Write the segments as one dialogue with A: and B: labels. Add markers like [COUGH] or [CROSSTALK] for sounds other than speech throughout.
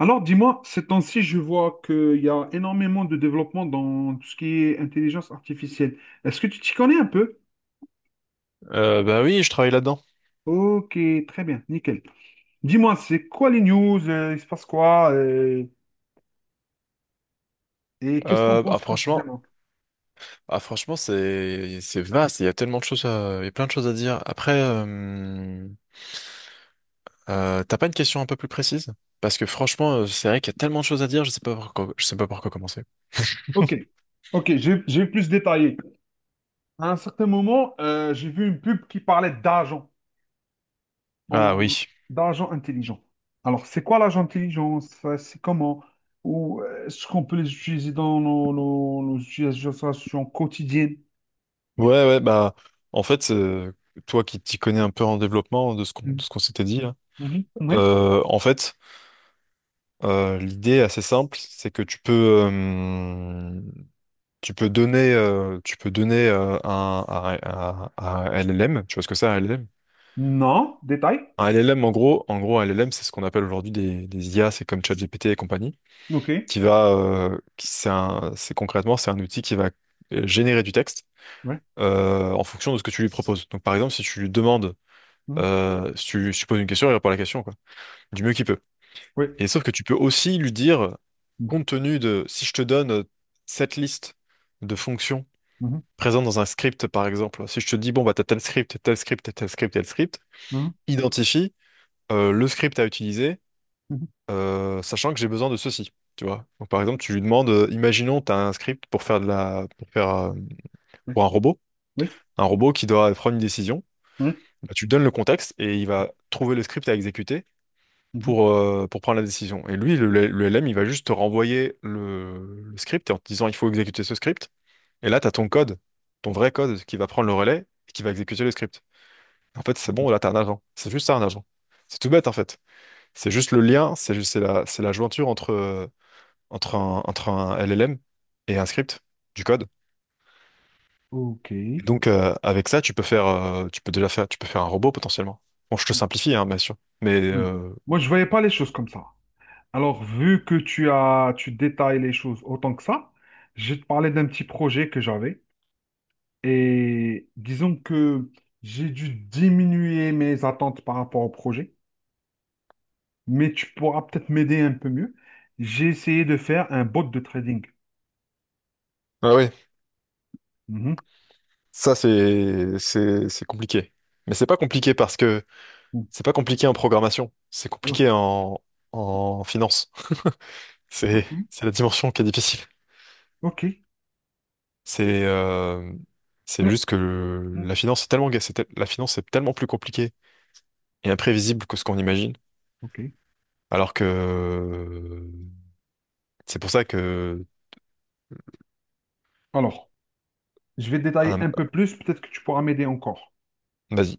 A: Alors, dis-moi, ces temps-ci, je vois qu'il y a énormément de développement dans tout ce qui est intelligence artificielle. Est-ce que tu t'y connais un peu?
B: Bah oui, je travaille là-dedans.
A: Ok, très bien, nickel. Dis-moi, c'est quoi les news? Il se passe quoi? Et qu'est-ce que t'en
B: Ah
A: penses
B: franchement,
A: précisément?
B: ah franchement, c'est vaste. Il y a tellement de choses, il y a plein de choses à dire. Après, t'as pas une question un peu plus précise? Parce que franchement, c'est vrai qu'il y a tellement de choses à dire. Je sais pas par quoi commencer.
A: Ok, ok, je vais plus détailler. À un certain moment, j'ai vu une pub qui parlait d'argent.
B: Ah
A: en-
B: oui.
A: D'argent intelligent. Alors, c'est quoi l'argent intelligent? Ça, c'est comment? Ou est-ce qu'on peut les utiliser dans nos utilisations quotidiennes? Et tout.
B: Ouais, ouais. Bah, en fait, toi qui t'y connais un peu en développement de
A: Mhm.
B: ce qu'on s'était dit là,
A: Mhm. Oui.
B: en fait, l'idée assez simple, c'est que tu peux. Tu peux donner, tu peux donner un, à LLM. Tu vois ce que c'est, un LLM?
A: Non. Détail.
B: Un LLM, en gros, un LLM, c'est ce qu'on appelle aujourd'hui des IA, c'est comme ChatGPT et compagnie,
A: OK.
B: qui va, c'est concrètement, c'est un outil qui va générer du texte
A: Oui.
B: en fonction de ce que tu lui proposes. Donc, par exemple, si tu lui demandes,
A: Mhm.
B: si tu poses une question, il répond à la question, quoi, du mieux qu'il peut.
A: Oui.
B: Et sauf que tu peux aussi lui dire, compte tenu de, si je te donne cette liste de fonctions
A: Mhm.
B: présent dans un script, par exemple. Si je te dis, bon, bah, t'as tel script, tel script,
A: Mhm.
B: identifie le script à utiliser,
A: Mhm. Mhm.
B: sachant que j'ai besoin de ceci, tu vois. Donc, par exemple, tu lui demandes, imaginons, t'as un script pour faire pour faire, pour
A: Oui.
B: un robot qui doit prendre une décision.
A: Oui. Mhm.
B: Bah, tu donnes le contexte et il va trouver le script à exécuter
A: Mhm.
B: pour prendre la décision. Et lui, le LM, il va juste te renvoyer le script en te disant, il faut exécuter ce script. Et là, t'as ton code, ton vrai code qui va prendre le relais et qui va exécuter le script. En fait, c'est bon, là, t'as un agent. C'est juste ça, un agent. C'est tout bête, en fait. C'est juste le lien, c'est la jointure entre, entre un LLM et un script, du code.
A: OK.
B: Et
A: Oui.
B: donc, avec ça, tu peux faire, tu peux faire un robot potentiellement. Bon, je te simplifie, hein, bien sûr. Mais,
A: Moi, je ne voyais pas les choses comme ça. Alors, vu que tu as, tu détailles les choses autant que ça, je vais te parler d'un petit projet que j'avais. Et disons que j'ai dû diminuer mes attentes par rapport au projet, mais tu pourras peut-être m'aider un peu mieux. J'ai essayé de faire un bot de trading.
B: ah oui,
A: Mhm.
B: ça, c'est compliqué. Mais c'est pas compliqué parce que c'est pas compliqué en programmation. C'est
A: Oh,
B: compliqué en, en finance. [LAUGHS]
A: ok.
B: C'est la dimension qui est difficile.
A: Ok.
B: C'est euh, c'est juste que
A: Mhm.
B: la finance est tellement la finance est tellement plus compliquée et imprévisible que ce qu'on imagine.
A: Ok.
B: Alors que c'est pour ça que
A: Alors, je vais détailler
B: un-
A: un peu plus, peut-être que tu pourras m'aider encore.
B: vas-y.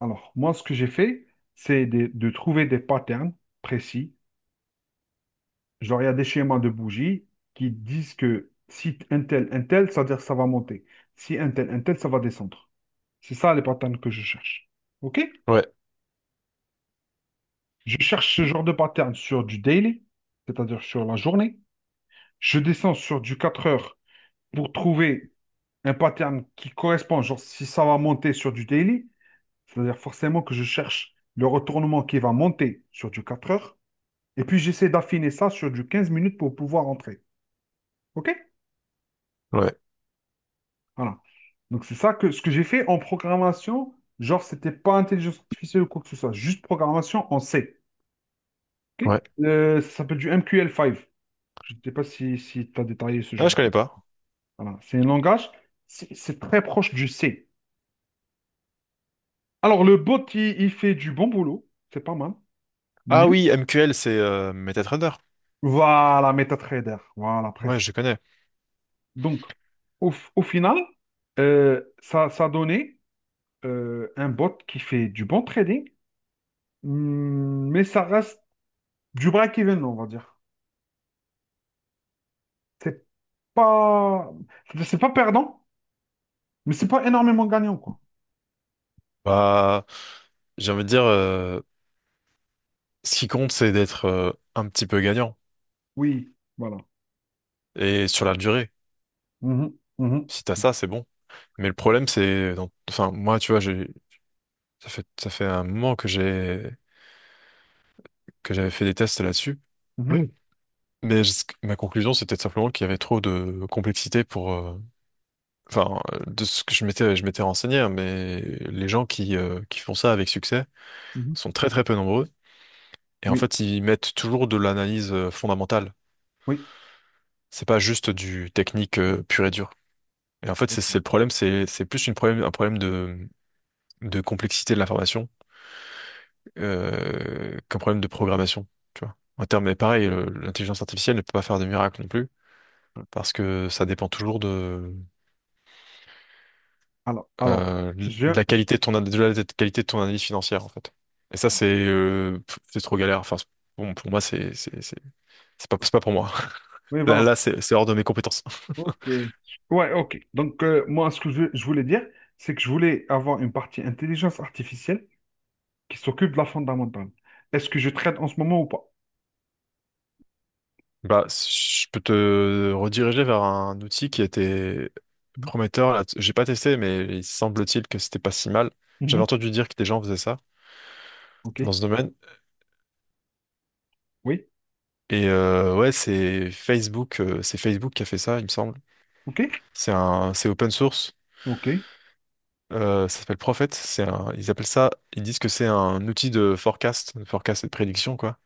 A: Alors, moi, ce que j'ai fait, c'est de trouver des patterns précis. Genre, il y a des schémas de bougies qui disent que si un tel, un tel, ça veut dire que ça va monter. Si un tel, un tel, ça va descendre. C'est ça les patterns que je cherche. OK?
B: Ouais,
A: Je cherche ce genre de pattern sur du daily, c'est-à-dire sur la journée. Je descends sur du 4 heures pour trouver un pattern qui correspond. Genre, si ça va monter sur du daily, c'est-à-dire forcément que je cherche le retournement qui va monter sur du 4 heures. Et puis, j'essaie d'affiner ça sur du 15 minutes pour pouvoir entrer. OK?
B: ouais,
A: Voilà. Donc c'est ça que ce que j'ai fait en programmation, genre c'était pas intelligence artificielle ou quoi que ce soit, juste programmation en C. Ok.
B: ouais.
A: Ça s'appelle du MQL5. Je ne sais pas si tu as détaillé ce
B: Ah,
A: genre.
B: je connais pas.
A: Voilà. C'est un langage, c'est très proche du C. Alors le bot, il fait du bon boulot, c'est pas mal. Mais
B: Ah oui, MQL, c'est MetaTrader.
A: voilà, MetaTrader, voilà,
B: Ouais,
A: presque.
B: je connais.
A: Donc au, au final, ça, ça a donné un bot qui fait du bon trading. Hmm, mais ça reste du break-even, on va dire. C'est pas, c'est pas perdant, mais c'est pas énormément gagnant, quoi.
B: Bah, j'ai envie de dire, ce qui compte, c'est d'être un petit peu gagnant.
A: Oui, voilà.
B: Et sur la durée,
A: Mhm, mhm,
B: si t'as ça, c'est bon. Mais le problème, c'est, enfin, moi, tu vois, ça fait un moment que j'avais fait des tests là-dessus.
A: mhm,
B: Oui. Ma conclusion, c'était simplement qu'il y avait trop de complexité pour, enfin, de ce que je m'étais renseigné, hein, mais les gens qui font ça avec succès
A: mhm.
B: sont très très peu nombreux. Et en
A: Oui,
B: fait, ils mettent toujours de l'analyse fondamentale.
A: oui.
B: C'est pas juste du technique pur et dur. Et en fait, c'est le problème, c'est plus un problème de complexité de l'information qu'un problème de programmation, tu vois. En termes, mais pareil, l'intelligence artificielle ne peut pas faire de miracles non plus, parce que ça dépend toujours
A: Alors, je,
B: de la
A: je-
B: qualité de ton, an- de la qualité de ton analyse financière, en fait. Et ça, c'est pff, c'est trop galère. Bon, pour moi, c'est pas pour moi. [LAUGHS]
A: oui,
B: Là,
A: voilà.
B: là, c'est hors de mes compétences.
A: Ok. Ouais, ok. Donc, moi, ce que je voulais dire, c'est que je voulais avoir une partie intelligence artificielle qui s'occupe de la fondamentale. Est-ce que je traite en ce moment ou pas?
B: Bah, je peux te rediriger vers un outil qui était
A: Mhm,
B: prometteur. Là. J'ai pas testé, mais il semble-t-il que c'était pas si mal. J'avais
A: mhm.
B: entendu dire que des gens faisaient ça
A: Ok.
B: dans ce domaine.
A: Oui.
B: Et ouais, c'est Facebook qui a fait ça, il me semble.
A: Ok.
B: C'est open source.
A: Ok.
B: Ça s'appelle Prophet. Ils appellent ça, ils disent que c'est un outil de forecast et de prédiction, quoi,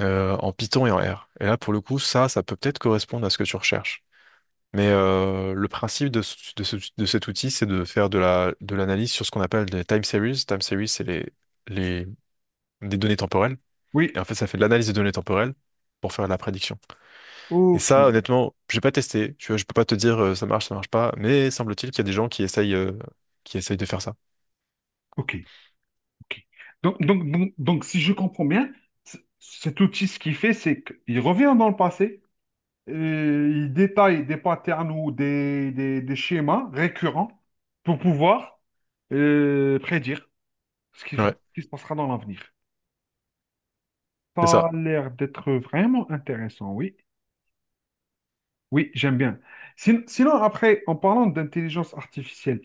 B: en Python et en R. Et là, pour le coup, ça peut peut-être correspondre à ce que tu recherches. Mais le principe de cet outil, c'est de faire de l'analyse sur ce qu'on appelle des time series. Time series, c'est les, des données temporelles. Et
A: Oui.
B: en fait, ça fait de l'analyse des données temporelles pour faire de la prédiction. Et
A: Ok.
B: ça, honnêtement, j'ai pas testé. Je peux pas te dire ça marche pas. Mais semble-t-il qu'il y a des gens qui essayent de faire ça.
A: Ok. Ok. Donc, si je comprends bien, cet outil, ce qu'il fait, c'est qu'il revient dans le passé, et il détaille des patterns ou des, des schémas récurrents pour pouvoir prédire ce
B: Ouais,
A: qui se passera dans l'avenir.
B: c'est
A: Ça
B: ça.
A: a l'air d'être vraiment intéressant, oui. Oui, j'aime bien. Sinon, après, en parlant d'intelligence artificielle,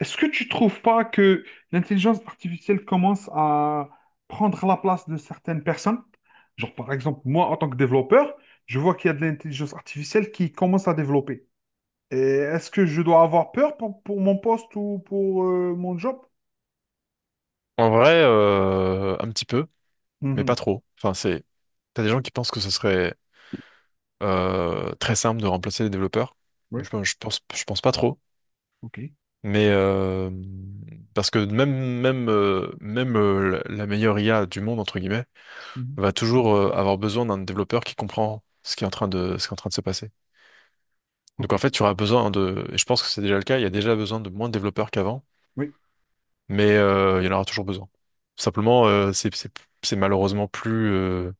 A: est-ce que tu trouves pas que l'intelligence artificielle commence à prendre la place de certaines personnes? Genre, par exemple, moi, en tant que développeur, je vois qu'il y a de l'intelligence artificielle qui commence à développer. Et est-ce que je dois avoir peur pour mon poste ou pour mon job?
B: En vrai, un petit peu, mais pas
A: Mhm.
B: trop. Enfin, c'est, t'as des gens qui pensent que ce serait très simple de remplacer les développeurs.
A: Oui,
B: Je pense pas trop.
A: ok.
B: Mais parce que même la meilleure IA du monde entre guillemets
A: Mhm.
B: va toujours avoir besoin d'un développeur qui comprend ce qui est en train de se passer. Donc
A: Ok.
B: en fait, tu auras besoin de et je pense que c'est déjà le cas, il y a déjà besoin de moins de développeurs qu'avant,
A: Oui,
B: mais il y en aura toujours besoin. Simplement c'est malheureusement plus euh,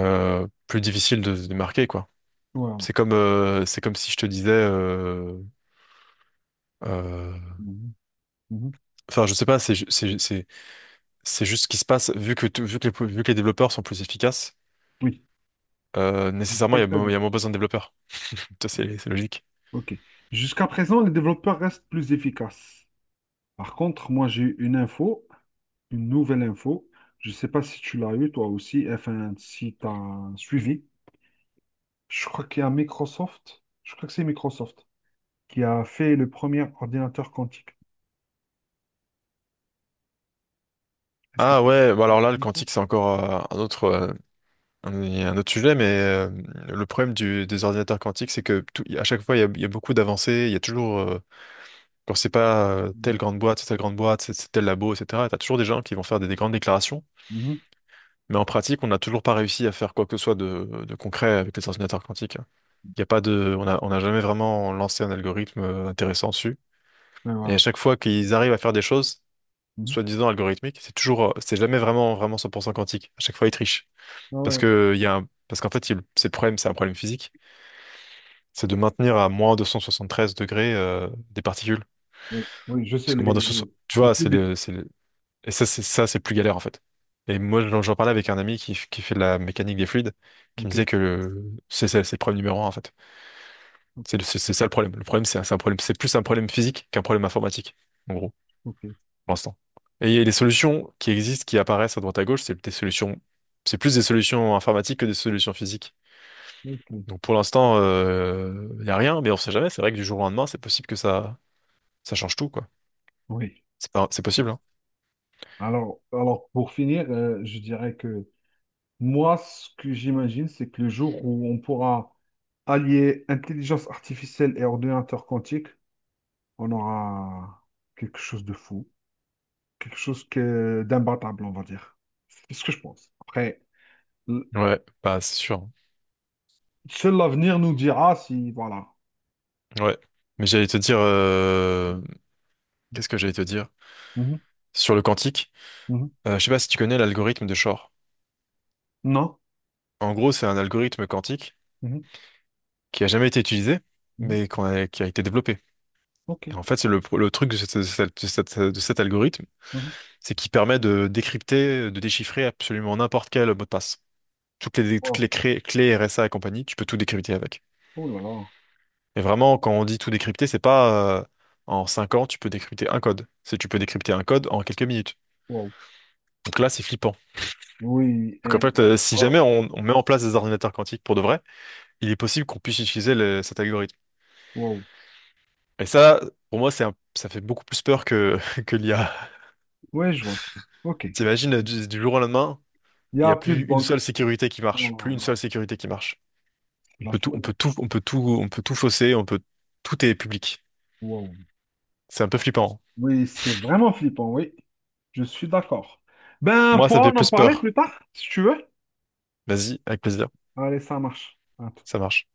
B: euh, plus difficile de se démarquer quoi.
A: voilà.
B: C'est comme si je te disais euh,
A: Mhm. Mhm.
B: enfin je sais pas c'est juste ce qui se passe, vu que, vu que les développeurs sont plus efficaces,
A: Oui.
B: nécessairement,
A: Jusqu'à
B: il y
A: présent.
B: a moins besoin de développeurs. Ça, c'est logique.
A: Ok. Jusqu'à présent, les développeurs restent plus efficaces. Par contre, moi, j'ai eu une info, une nouvelle info. Je ne sais pas si tu l'as eu toi aussi, enfin si tu as suivi. Je crois qu'il y a Microsoft, je crois que c'est Microsoft qui a fait le premier ordinateur quantique. Est-ce que
B: Ah
A: tu
B: ouais, bah alors là, le quantique, c'est encore un autre, un, un autre sujet, mais le problème des ordinateurs quantiques, c'est que à chaque fois, il y a beaucoup d'avancées, il y a toujours, quand c'est pas telle
A: mhm.
B: grande boîte, c'est telle grande boîte, c'est tel labo, etc., t'as toujours des gens qui vont faire des grandes déclarations,
A: Mhm.
B: mais en pratique, on n'a toujours pas réussi à faire quoi que ce soit de concret avec les ordinateurs quantiques. Il y a pas de, on a, on n'a jamais vraiment lancé un algorithme intéressant dessus.
A: Ouais,
B: Et à
A: voilà.
B: chaque fois qu'ils arrivent à faire des choses,
A: Mhm.
B: soi-disant algorithmiques, c'est jamais vraiment 100% quantique. À chaque fois, ils trichent.
A: Ah
B: Parce
A: ouais,
B: que, il y a un- parce qu'en fait, c'est le problème, c'est un problème physique. C'est de maintenir à moins 273 degrés, des particules.
A: ouais. Oui, je sais,
B: Parce que moins 273, tu
A: les
B: vois,
A: qubits.
B: c'est et ça, c'est plus galère, en fait. Et moi, j'en parlais avec un ami qui, qui fait de la mécanique des fluides, qui me
A: Ok,
B: disait que c'est le problème numéro un, en fait.
A: ok,
B: C'est ça le problème. Le problème, c'est un problème, c'est plus un problème physique qu'un problème informatique, en gros,
A: ok,
B: pour l'instant. Et les solutions qui existent, qui apparaissent à droite à gauche, c'est plus des solutions informatiques que des solutions physiques.
A: ok.
B: Donc pour l'instant, il n'y a rien, mais on sait jamais. C'est vrai que du jour au lendemain, c'est possible ça change tout, quoi.
A: Oui.
B: C'est pas, c'est possible, hein.
A: Alors pour finir, je dirais que moi, ce que j'imagine, c'est que le jour où on pourra allier intelligence artificielle et ordinateur quantique, on aura quelque chose de fou, quelque chose que d'imbattable, on va dire. C'est ce que je pense. Après, l-
B: Ouais, bah c'est sûr.
A: seul l'avenir nous dira si, voilà.
B: Hein. Ouais. Mais j'allais te dire, qu'est-ce que j'allais te dire?
A: Mhm,
B: Sur le quantique,
A: mhm.
B: je sais pas si tu connais l'algorithme de Shor.
A: Non?
B: En gros, c'est un algorithme quantique
A: Mhm,
B: qui a jamais été utilisé,
A: mhm.
B: qui a été développé.
A: Ok.
B: Et en fait, c'est le truc de cet algorithme,
A: Mhm.
B: c'est qu'il permet de décrypter, de déchiffrer absolument n'importe quel mot de passe. Toutes
A: Wow.
B: les clés RSA et compagnie, tu peux tout décrypter avec.
A: Oh là là.
B: Et vraiment, quand on dit tout décrypter, c'est pas en 5 ans, tu peux décrypter un code. C'est tu peux décrypter un code en quelques minutes.
A: Wow.
B: Donc là, c'est flippant.
A: Oui.
B: Donc en fait, si
A: Ah,
B: jamais on met en place des ordinateurs quantiques pour de vrai, il est possible qu'on puisse utiliser cet algorithme.
A: wow.
B: Et ça, pour moi, ça fait beaucoup plus peur que, [LAUGHS] que l'IA.
A: Ouais, je vois ça. Ok. Il
B: T'imagines, du jour au lendemain,
A: n'y
B: il n'y
A: a
B: a
A: plus de
B: plus une
A: banque.
B: seule sécurité qui
A: Oh
B: marche, plus
A: là
B: une seule
A: là.
B: sécurité qui marche.
A: C'est
B: On
A: de la
B: peut tout,
A: folie.
B: on peut tout fausser, on peut, tout est public.
A: Wow.
B: C'est un peu flippant.
A: Oui, c'est vraiment flippant, oui. Je suis d'accord. Ben, on
B: Moi, ça me
A: pourra
B: fait
A: en en
B: plus
A: parler
B: peur.
A: plus tard, si tu veux.
B: Vas-y, avec plaisir.
A: Allez, ça marche. À
B: Ça marche.